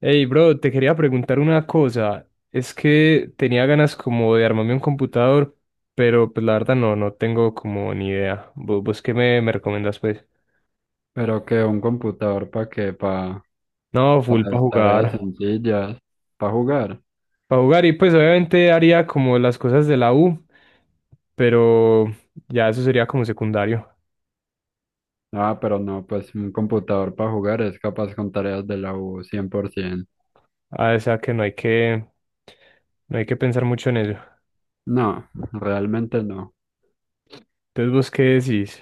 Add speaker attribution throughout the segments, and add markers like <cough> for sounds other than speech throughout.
Speaker 1: Hey, bro, te quería preguntar una cosa. Es que tenía ganas como de armarme un computador, pero pues la verdad no tengo como ni idea. ¿Vos qué me recomendás, pues?
Speaker 2: Pero que un computador para qué, para
Speaker 1: No, full para jugar.
Speaker 2: tareas sencillas, para jugar.
Speaker 1: Para jugar y pues obviamente haría como las cosas de la U, pero ya eso sería como secundario.
Speaker 2: Ah, pero no, pues un computador para jugar es capaz con tareas de la U 100%.
Speaker 1: Ah, o sea que no hay que pensar mucho en eso.
Speaker 2: No, realmente no.
Speaker 1: Entonces, ¿vos qué decís?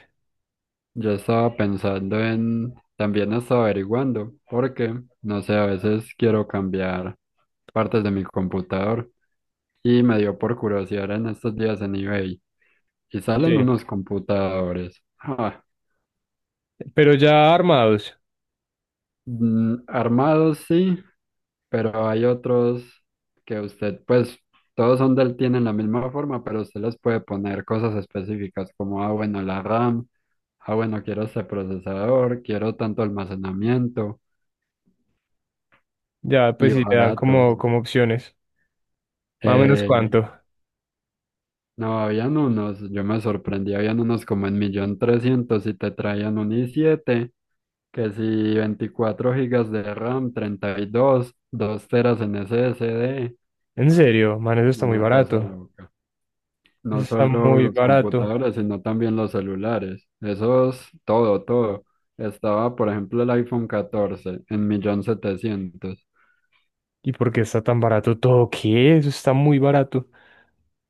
Speaker 2: Yo estaba pensando en, también estaba averiguando, porque, no sé, a veces quiero cambiar partes de mi computador y me dio por curiosidad en estos días en eBay y salen
Speaker 1: Sí,
Speaker 2: unos computadores. Ah,
Speaker 1: pero ya armados,
Speaker 2: mm, armados sí, pero hay otros que usted, pues todos son del, tienen la misma forma, pero usted les puede poner cosas específicas como, ah, bueno, la RAM, ah, bueno, quiero este procesador, quiero tanto almacenamiento
Speaker 1: ya pues
Speaker 2: y
Speaker 1: si le dan
Speaker 2: baratos.
Speaker 1: como, como opciones. Más o menos
Speaker 2: Eh,
Speaker 1: cuánto.
Speaker 2: no, habían unos, yo me sorprendí, habían unos como en millón trescientos y te traían un i7 que si 24 gigas de RAM, 32 2 teras en SSD
Speaker 1: En serio, man, eso está muy
Speaker 2: una cosa
Speaker 1: barato.
Speaker 2: loca.
Speaker 1: Eso
Speaker 2: No
Speaker 1: está
Speaker 2: solo
Speaker 1: muy
Speaker 2: los
Speaker 1: barato.
Speaker 2: computadores, sino también los celulares. Eso es todo, todo. Estaba, por ejemplo, el iPhone 14 en millón setecientos.
Speaker 1: ¿Y por qué está tan barato todo? ¿Qué? Eso está muy barato.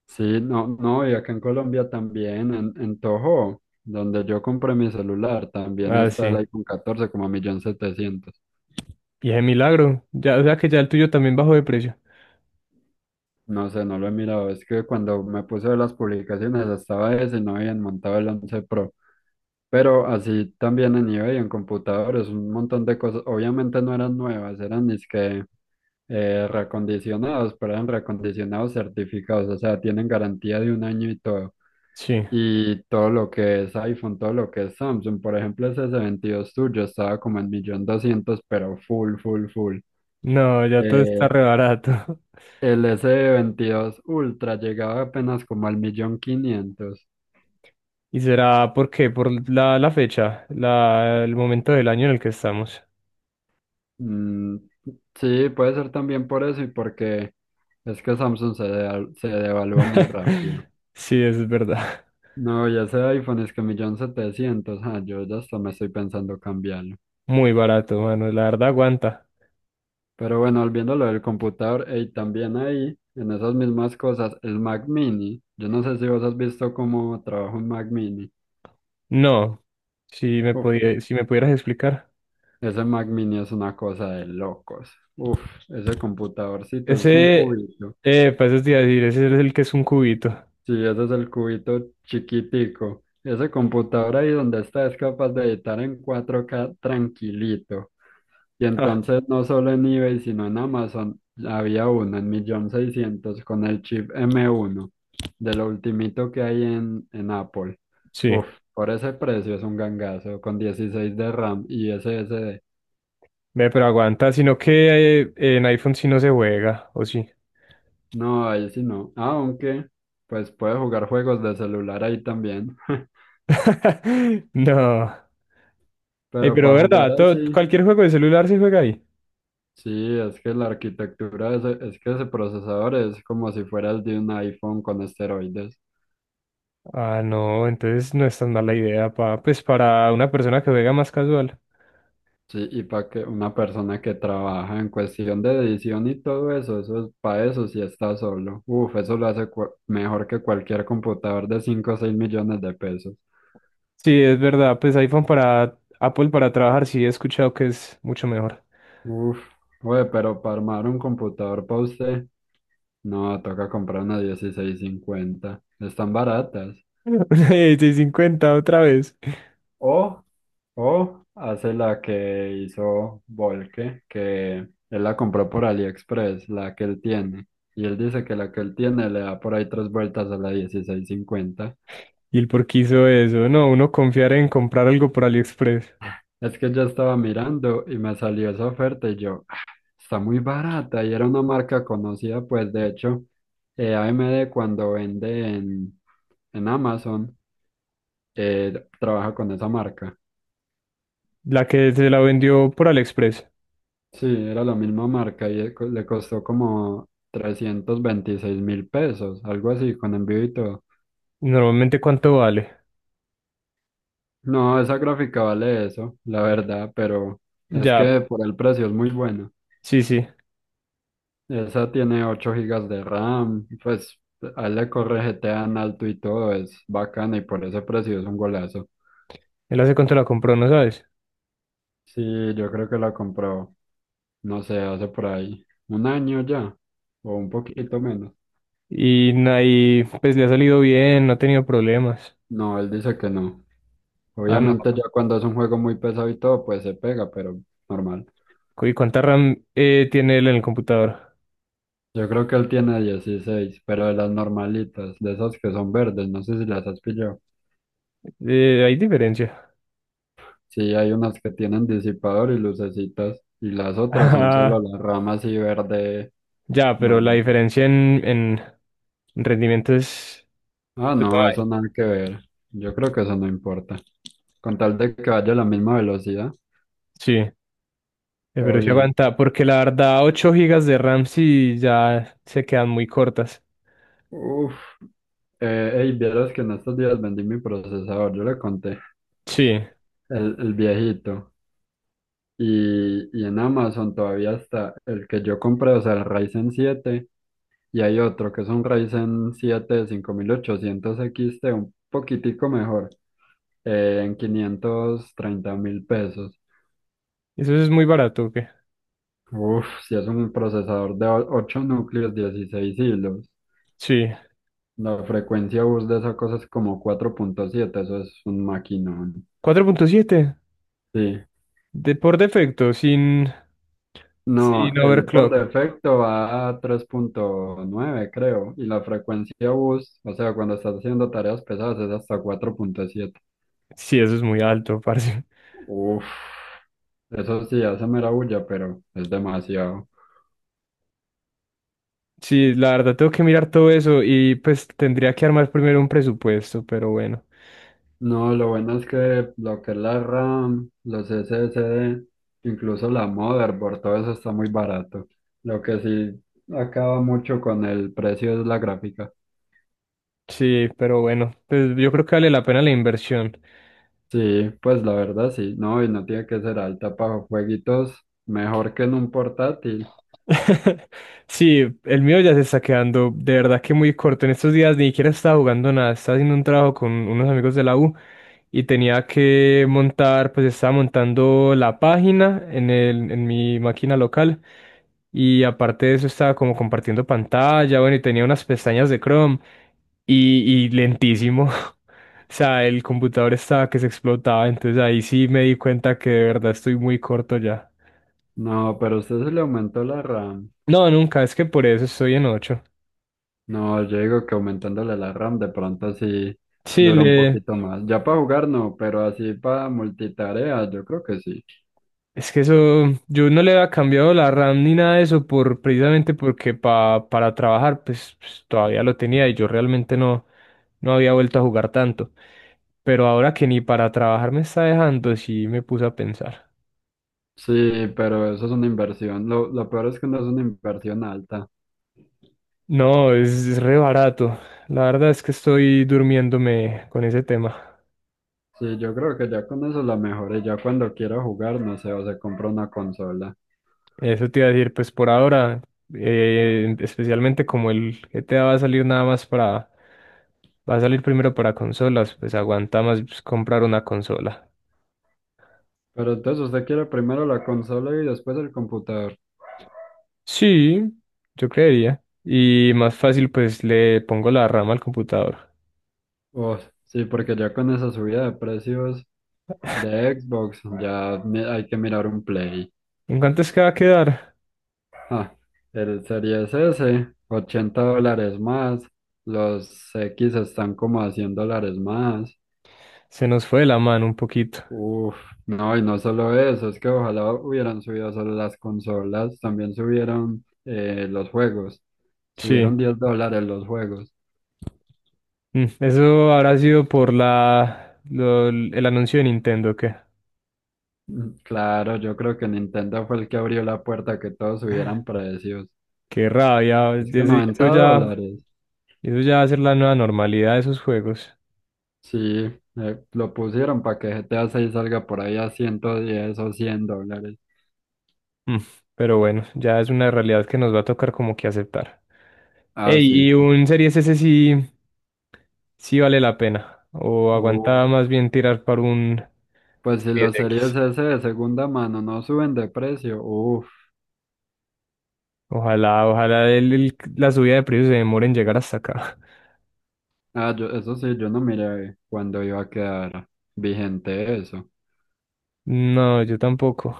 Speaker 2: Sí, no, no, y acá en Colombia también, en Toho, donde yo compré mi celular, también
Speaker 1: Ah,
Speaker 2: está el
Speaker 1: sí.
Speaker 2: iPhone 14 como a millón setecientos.
Speaker 1: Y es milagro. Ya, o sea que ya el tuyo también bajó de precio.
Speaker 2: No sé, no lo he mirado. Es que cuando me puse a ver las publicaciones estaba ese y no habían montado el 11 Pro. Pero así también en eBay, en computadores, un montón de cosas. Obviamente no eran nuevas, eran es que reacondicionados, pero eran reacondicionados certificados. O sea, tienen garantía de un año y todo.
Speaker 1: Sí.
Speaker 2: Y todo lo que es iPhone, todo lo que es Samsung. Por ejemplo, ese s 22 tuyo estaba como en millón doscientos, pero full, full, full.
Speaker 1: No, ya todo está
Speaker 2: Eh,
Speaker 1: re barato.
Speaker 2: el s D 22 Ultra llegaba apenas como al millón quinientos.
Speaker 1: <laughs> ¿Y será por qué? Por la fecha, el momento del año en el que estamos.
Speaker 2: Mm, sí, puede ser también por eso y porque es que Samsung se, se devalúa muy rápido.
Speaker 1: <laughs> Sí, eso es verdad.
Speaker 2: No, y ese iPhone es que millón setecientos. Ah, yo ya hasta me estoy pensando cambiarlo.
Speaker 1: Muy barato, mano. La verdad aguanta.
Speaker 2: Pero bueno, volviendo a lo del computador, y también ahí, en esas mismas cosas, el Mac Mini. Yo no sé si vos has visto cómo trabaja un Mac Mini.
Speaker 1: No.
Speaker 2: Uf,
Speaker 1: Si me pudieras explicar.
Speaker 2: ese Mac Mini es una cosa de locos. Uf, ese computadorcito es un
Speaker 1: Ese,
Speaker 2: cubito.
Speaker 1: pues eso decir, ese es el que es un cubito. <laughs>
Speaker 2: Sí, ese es el cubito chiquitico. Ese computador ahí donde está es capaz de editar en 4K tranquilito. Y
Speaker 1: Ah,
Speaker 2: entonces no solo en eBay, sino en Amazon había uno en millón seiscientos con el chip M1, de lo ultimito que hay en Apple.
Speaker 1: sí,
Speaker 2: Uf, por ese precio es un gangazo, con 16 de RAM y SSD.
Speaker 1: ve, pero aguanta, sino que en iPhone sí no se juega, ¿o sí?
Speaker 2: No, ahí sí no. Aunque, pues puede jugar juegos de celular ahí también. <laughs>
Speaker 1: <laughs> No. Ey,
Speaker 2: Pero
Speaker 1: pero
Speaker 2: para jugar
Speaker 1: verdad,
Speaker 2: así,
Speaker 1: cualquier juego de celular se juega ahí.
Speaker 2: sí, es que la arquitectura, es que ese procesador es como si fuera el de un iPhone con esteroides.
Speaker 1: Ah, no, entonces no es tan mala idea pues para una persona que juega más casual.
Speaker 2: Sí, y para que una persona que trabaja en cuestión de edición y todo eso, eso es para eso si está solo. Uf, eso lo hace mejor que cualquier computador de 5 o 6 millones de pesos.
Speaker 1: Sí, es verdad, pues iPhone para Apple para trabajar sí he escuchado que es mucho mejor.
Speaker 2: Uf, güey, pero para armar un computador para usted, no, toca comprar una dieciséis cincuenta. Están baratas.
Speaker 1: <laughs> Una 50 otra vez.
Speaker 2: O, o hace la que hizo Volke, que él la compró por AliExpress, la que él tiene. Y él dice que la que él tiene le da por ahí tres vueltas a la dieciséis cincuenta.
Speaker 1: ¿Y el por qué hizo eso? No, uno confiar en comprar algo por AliExpress.
Speaker 2: Es que yo estaba mirando y me salió esa oferta y yo, "Ah, está muy barata y era una marca conocida, pues de hecho, AMD cuando vende en Amazon, eh, trabaja con esa marca.
Speaker 1: La que se la vendió por AliExpress.
Speaker 2: Sí, era la misma marca y le costó como 326.000 pesos, algo así, con envío y todo.
Speaker 1: Normalmente, ¿cuánto vale?
Speaker 2: No, esa gráfica vale eso, la verdad, pero es
Speaker 1: Ya,
Speaker 2: que por el precio es muy bueno.
Speaker 1: sí, sí.
Speaker 2: Esa tiene 8 gigas de RAM, pues ahí le corre GTA en alto y todo, es bacana y por ese precio es un golazo.
Speaker 1: Él hace cuánto la compró, ¿no sabes?
Speaker 2: Sí, yo creo que la compró, no sé, hace por ahí un año ya, o un poquito menos.
Speaker 1: Y ahí, pues le ha salido bien, no ha tenido problemas.
Speaker 2: No, él dice que no.
Speaker 1: Ah,
Speaker 2: Obviamente
Speaker 1: no.
Speaker 2: ya cuando es un juego muy pesado y todo, pues se pega, pero normal.
Speaker 1: ¿Y cuánta RAM tiene él en el computador?
Speaker 2: Yo creo que él tiene 16, pero de las normalitas, de esas que son verdes, no sé si las has pillado.
Speaker 1: Hay diferencia. <laughs>
Speaker 2: Sí, hay unas que tienen disipador y lucecitas, y las otras son
Speaker 1: Ah,
Speaker 2: solo las ramas y verde
Speaker 1: ya, pero la
Speaker 2: normal.
Speaker 1: diferencia en rendimiento es...
Speaker 2: Ah,
Speaker 1: pues, no
Speaker 2: no, eso
Speaker 1: hay.
Speaker 2: nada que ver. Yo creo que eso no importa. Con tal de que vaya a la misma velocidad,
Speaker 1: Sí,
Speaker 2: todo
Speaker 1: pero sí
Speaker 2: bien.
Speaker 1: aguanta, porque la verdad 8 gigas de RAM sí ya se quedan muy cortas.
Speaker 2: Uf, ey, vieras que en estos días vendí mi procesador, yo le conté,
Speaker 1: Sí,
Speaker 2: el viejito. Y en Amazon todavía está el que yo compré, o sea, el Ryzen siete y hay otro que es un Ryzen 7 5800 XT, un poquitico mejor. En 530.000 pesos.
Speaker 1: eso es muy barato, ¿ok?
Speaker 2: Uf, si es un procesador de 8 núcleos, 16 hilos.
Speaker 1: Sí.
Speaker 2: La frecuencia bus de esa cosa es como 4,7, eso es un maquinón.
Speaker 1: Cuatro punto siete
Speaker 2: Sí.
Speaker 1: de por defecto,
Speaker 2: No,
Speaker 1: sin
Speaker 2: el por
Speaker 1: overclock.
Speaker 2: defecto va a 3,9, creo. Y la frecuencia bus, o sea, cuando estás haciendo tareas pesadas, es hasta 4,7.
Speaker 1: Sí, eso es muy alto, <laughs> parce.
Speaker 2: Uf, eso sí hace mera bulla, pero es demasiado.
Speaker 1: Sí, la verdad tengo que mirar todo eso y pues tendría que armar primero un presupuesto, pero bueno.
Speaker 2: No, lo bueno es que lo que es la RAM, los SSD, incluso la motherboard, todo eso está muy barato. Lo que sí acaba mucho con el precio es la gráfica.
Speaker 1: Sí, pero bueno, pues yo creo que vale la pena la inversión.
Speaker 2: Sí, pues la verdad sí, no, y no tiene que ser alta para jueguitos, mejor que en un portátil.
Speaker 1: <laughs> Sí, el mío ya se está quedando de verdad que muy corto. En estos días ni siquiera estaba jugando nada, estaba haciendo un trabajo con unos amigos de la U y tenía que montar, pues estaba montando la página en mi máquina local y aparte de eso estaba como compartiendo pantalla, bueno, y tenía unas pestañas de Chrome y lentísimo. <laughs> O sea, el computador estaba que se explotaba, entonces ahí sí me di cuenta que de verdad estoy muy corto ya.
Speaker 2: No, pero usted se le aumentó la RAM.
Speaker 1: No, nunca, es que por eso estoy en 8.
Speaker 2: No, yo digo que aumentándole la RAM de pronto sí
Speaker 1: Sí,
Speaker 2: dura un
Speaker 1: le-
Speaker 2: poquito más. Ya para jugar no, pero así para multitarea yo creo que sí.
Speaker 1: es que eso, yo no le había cambiado la RAM ni nada de eso por, precisamente porque para trabajar pues, pues, todavía lo tenía y yo realmente no había vuelto a jugar tanto. Pero ahora que ni para trabajar me está dejando, sí me puse a pensar.
Speaker 2: Sí, pero eso es una inversión. Lo peor es que no es una inversión alta.
Speaker 1: No, es re barato. La verdad es que estoy durmiéndome con ese tema.
Speaker 2: Sí, yo creo que ya con eso la mejoré. Ya cuando quiera jugar, no sé, o se compra una consola.
Speaker 1: Eso te iba a decir, pues por ahora, especialmente como el GTA va a salir nada más para... Va a salir primero para consolas, pues aguanta más pues, comprar una consola.
Speaker 2: Pero entonces usted quiere primero la consola y después el computador.
Speaker 1: Sí, yo creería. Y más fácil, pues le pongo la rama al computador.
Speaker 2: Oh, sí, porque ya con esa subida de precios de Xbox, ya hay que mirar un Play.
Speaker 1: ¿En cuánto es que va a quedar?
Speaker 2: Ah, el Series S, $80 más. Los X están como a $100 más.
Speaker 1: Se nos fue de la mano un poquito.
Speaker 2: Uf, no, y no solo eso, es que ojalá hubieran subido solo las consolas, también subieron los juegos,
Speaker 1: Sí.
Speaker 2: subieron $10 los juegos.
Speaker 1: Eso habrá sido por el anuncio de Nintendo, que
Speaker 2: Mm, claro, yo creo que Nintendo fue el que abrió la puerta a que todos subieran precios.
Speaker 1: qué rabia.
Speaker 2: Es que 90 dólares,
Speaker 1: Eso ya va a ser la nueva normalidad de esos juegos.
Speaker 2: sí, lo pusieron para que GTA 6 salga por ahí a 110 o 100 dólares.
Speaker 1: Mm, pero bueno, ya es una realidad que nos va a tocar como que aceptar. Ey,
Speaker 2: Ah, sí.
Speaker 1: y un Series S sí. Sí vale la pena. O
Speaker 2: Uh,
Speaker 1: aguantaba más bien tirar para un
Speaker 2: pues si los series
Speaker 1: 10X.
Speaker 2: S de segunda mano no suben de precio,
Speaker 1: Ojalá, ojalá la subida de precios se demore en llegar hasta acá. <laughs>
Speaker 2: ah, yo, eso sí, yo no miré cuándo iba a quedar vigente eso.
Speaker 1: No, yo tampoco.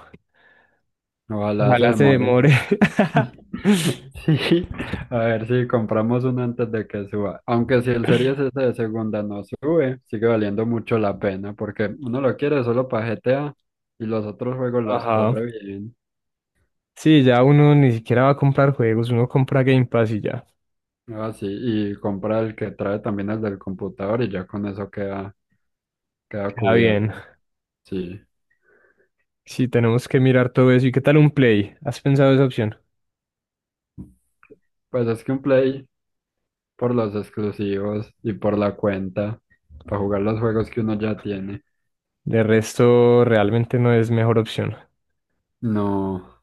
Speaker 2: Ojalá se
Speaker 1: Ojalá se
Speaker 2: demore.
Speaker 1: demore.
Speaker 2: <laughs>
Speaker 1: <laughs>
Speaker 2: Sí, a ver si compramos uno antes de que suba. Aunque si el Series S de segunda no sube, sigue valiendo mucho la pena porque uno lo quiere solo para GTA y los otros juegos los
Speaker 1: Ajá.
Speaker 2: corre bien.
Speaker 1: Sí, ya uno ni siquiera va a comprar juegos, uno compra Game Pass y ya.
Speaker 2: Ah, sí, y compra el que trae también el del computador y ya con eso queda, queda
Speaker 1: Queda
Speaker 2: cubierto.
Speaker 1: bien.
Speaker 2: Sí.
Speaker 1: Sí, tenemos que mirar todo eso. ¿Y qué tal un Play? ¿Has pensado esa opción?
Speaker 2: Pues es que un Play, por los exclusivos y por la cuenta, para jugar los juegos que uno ya tiene.
Speaker 1: De resto, realmente no es mejor opción.
Speaker 2: No,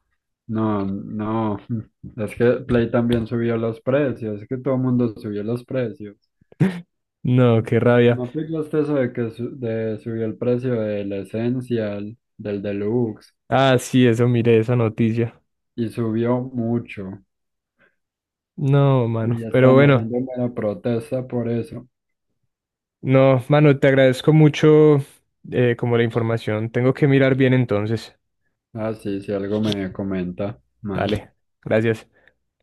Speaker 2: no, no. <laughs> Es que Play también subió los precios, es que todo el mundo subió los precios.
Speaker 1: No, qué rabia.
Speaker 2: ¿No aplicaste eso de que de subió el precio del Essential, del Deluxe,
Speaker 1: Ah, sí, eso, miré esa noticia.
Speaker 2: y subió mucho?
Speaker 1: No, mano.
Speaker 2: Y ya
Speaker 1: Pero
Speaker 2: están
Speaker 1: bueno,
Speaker 2: haciendo una protesta por eso.
Speaker 1: no, mano, te agradezco mucho como la información. Tengo que mirar bien entonces.
Speaker 2: Ah, sí, si algo me comenta más.
Speaker 1: Dale, gracias.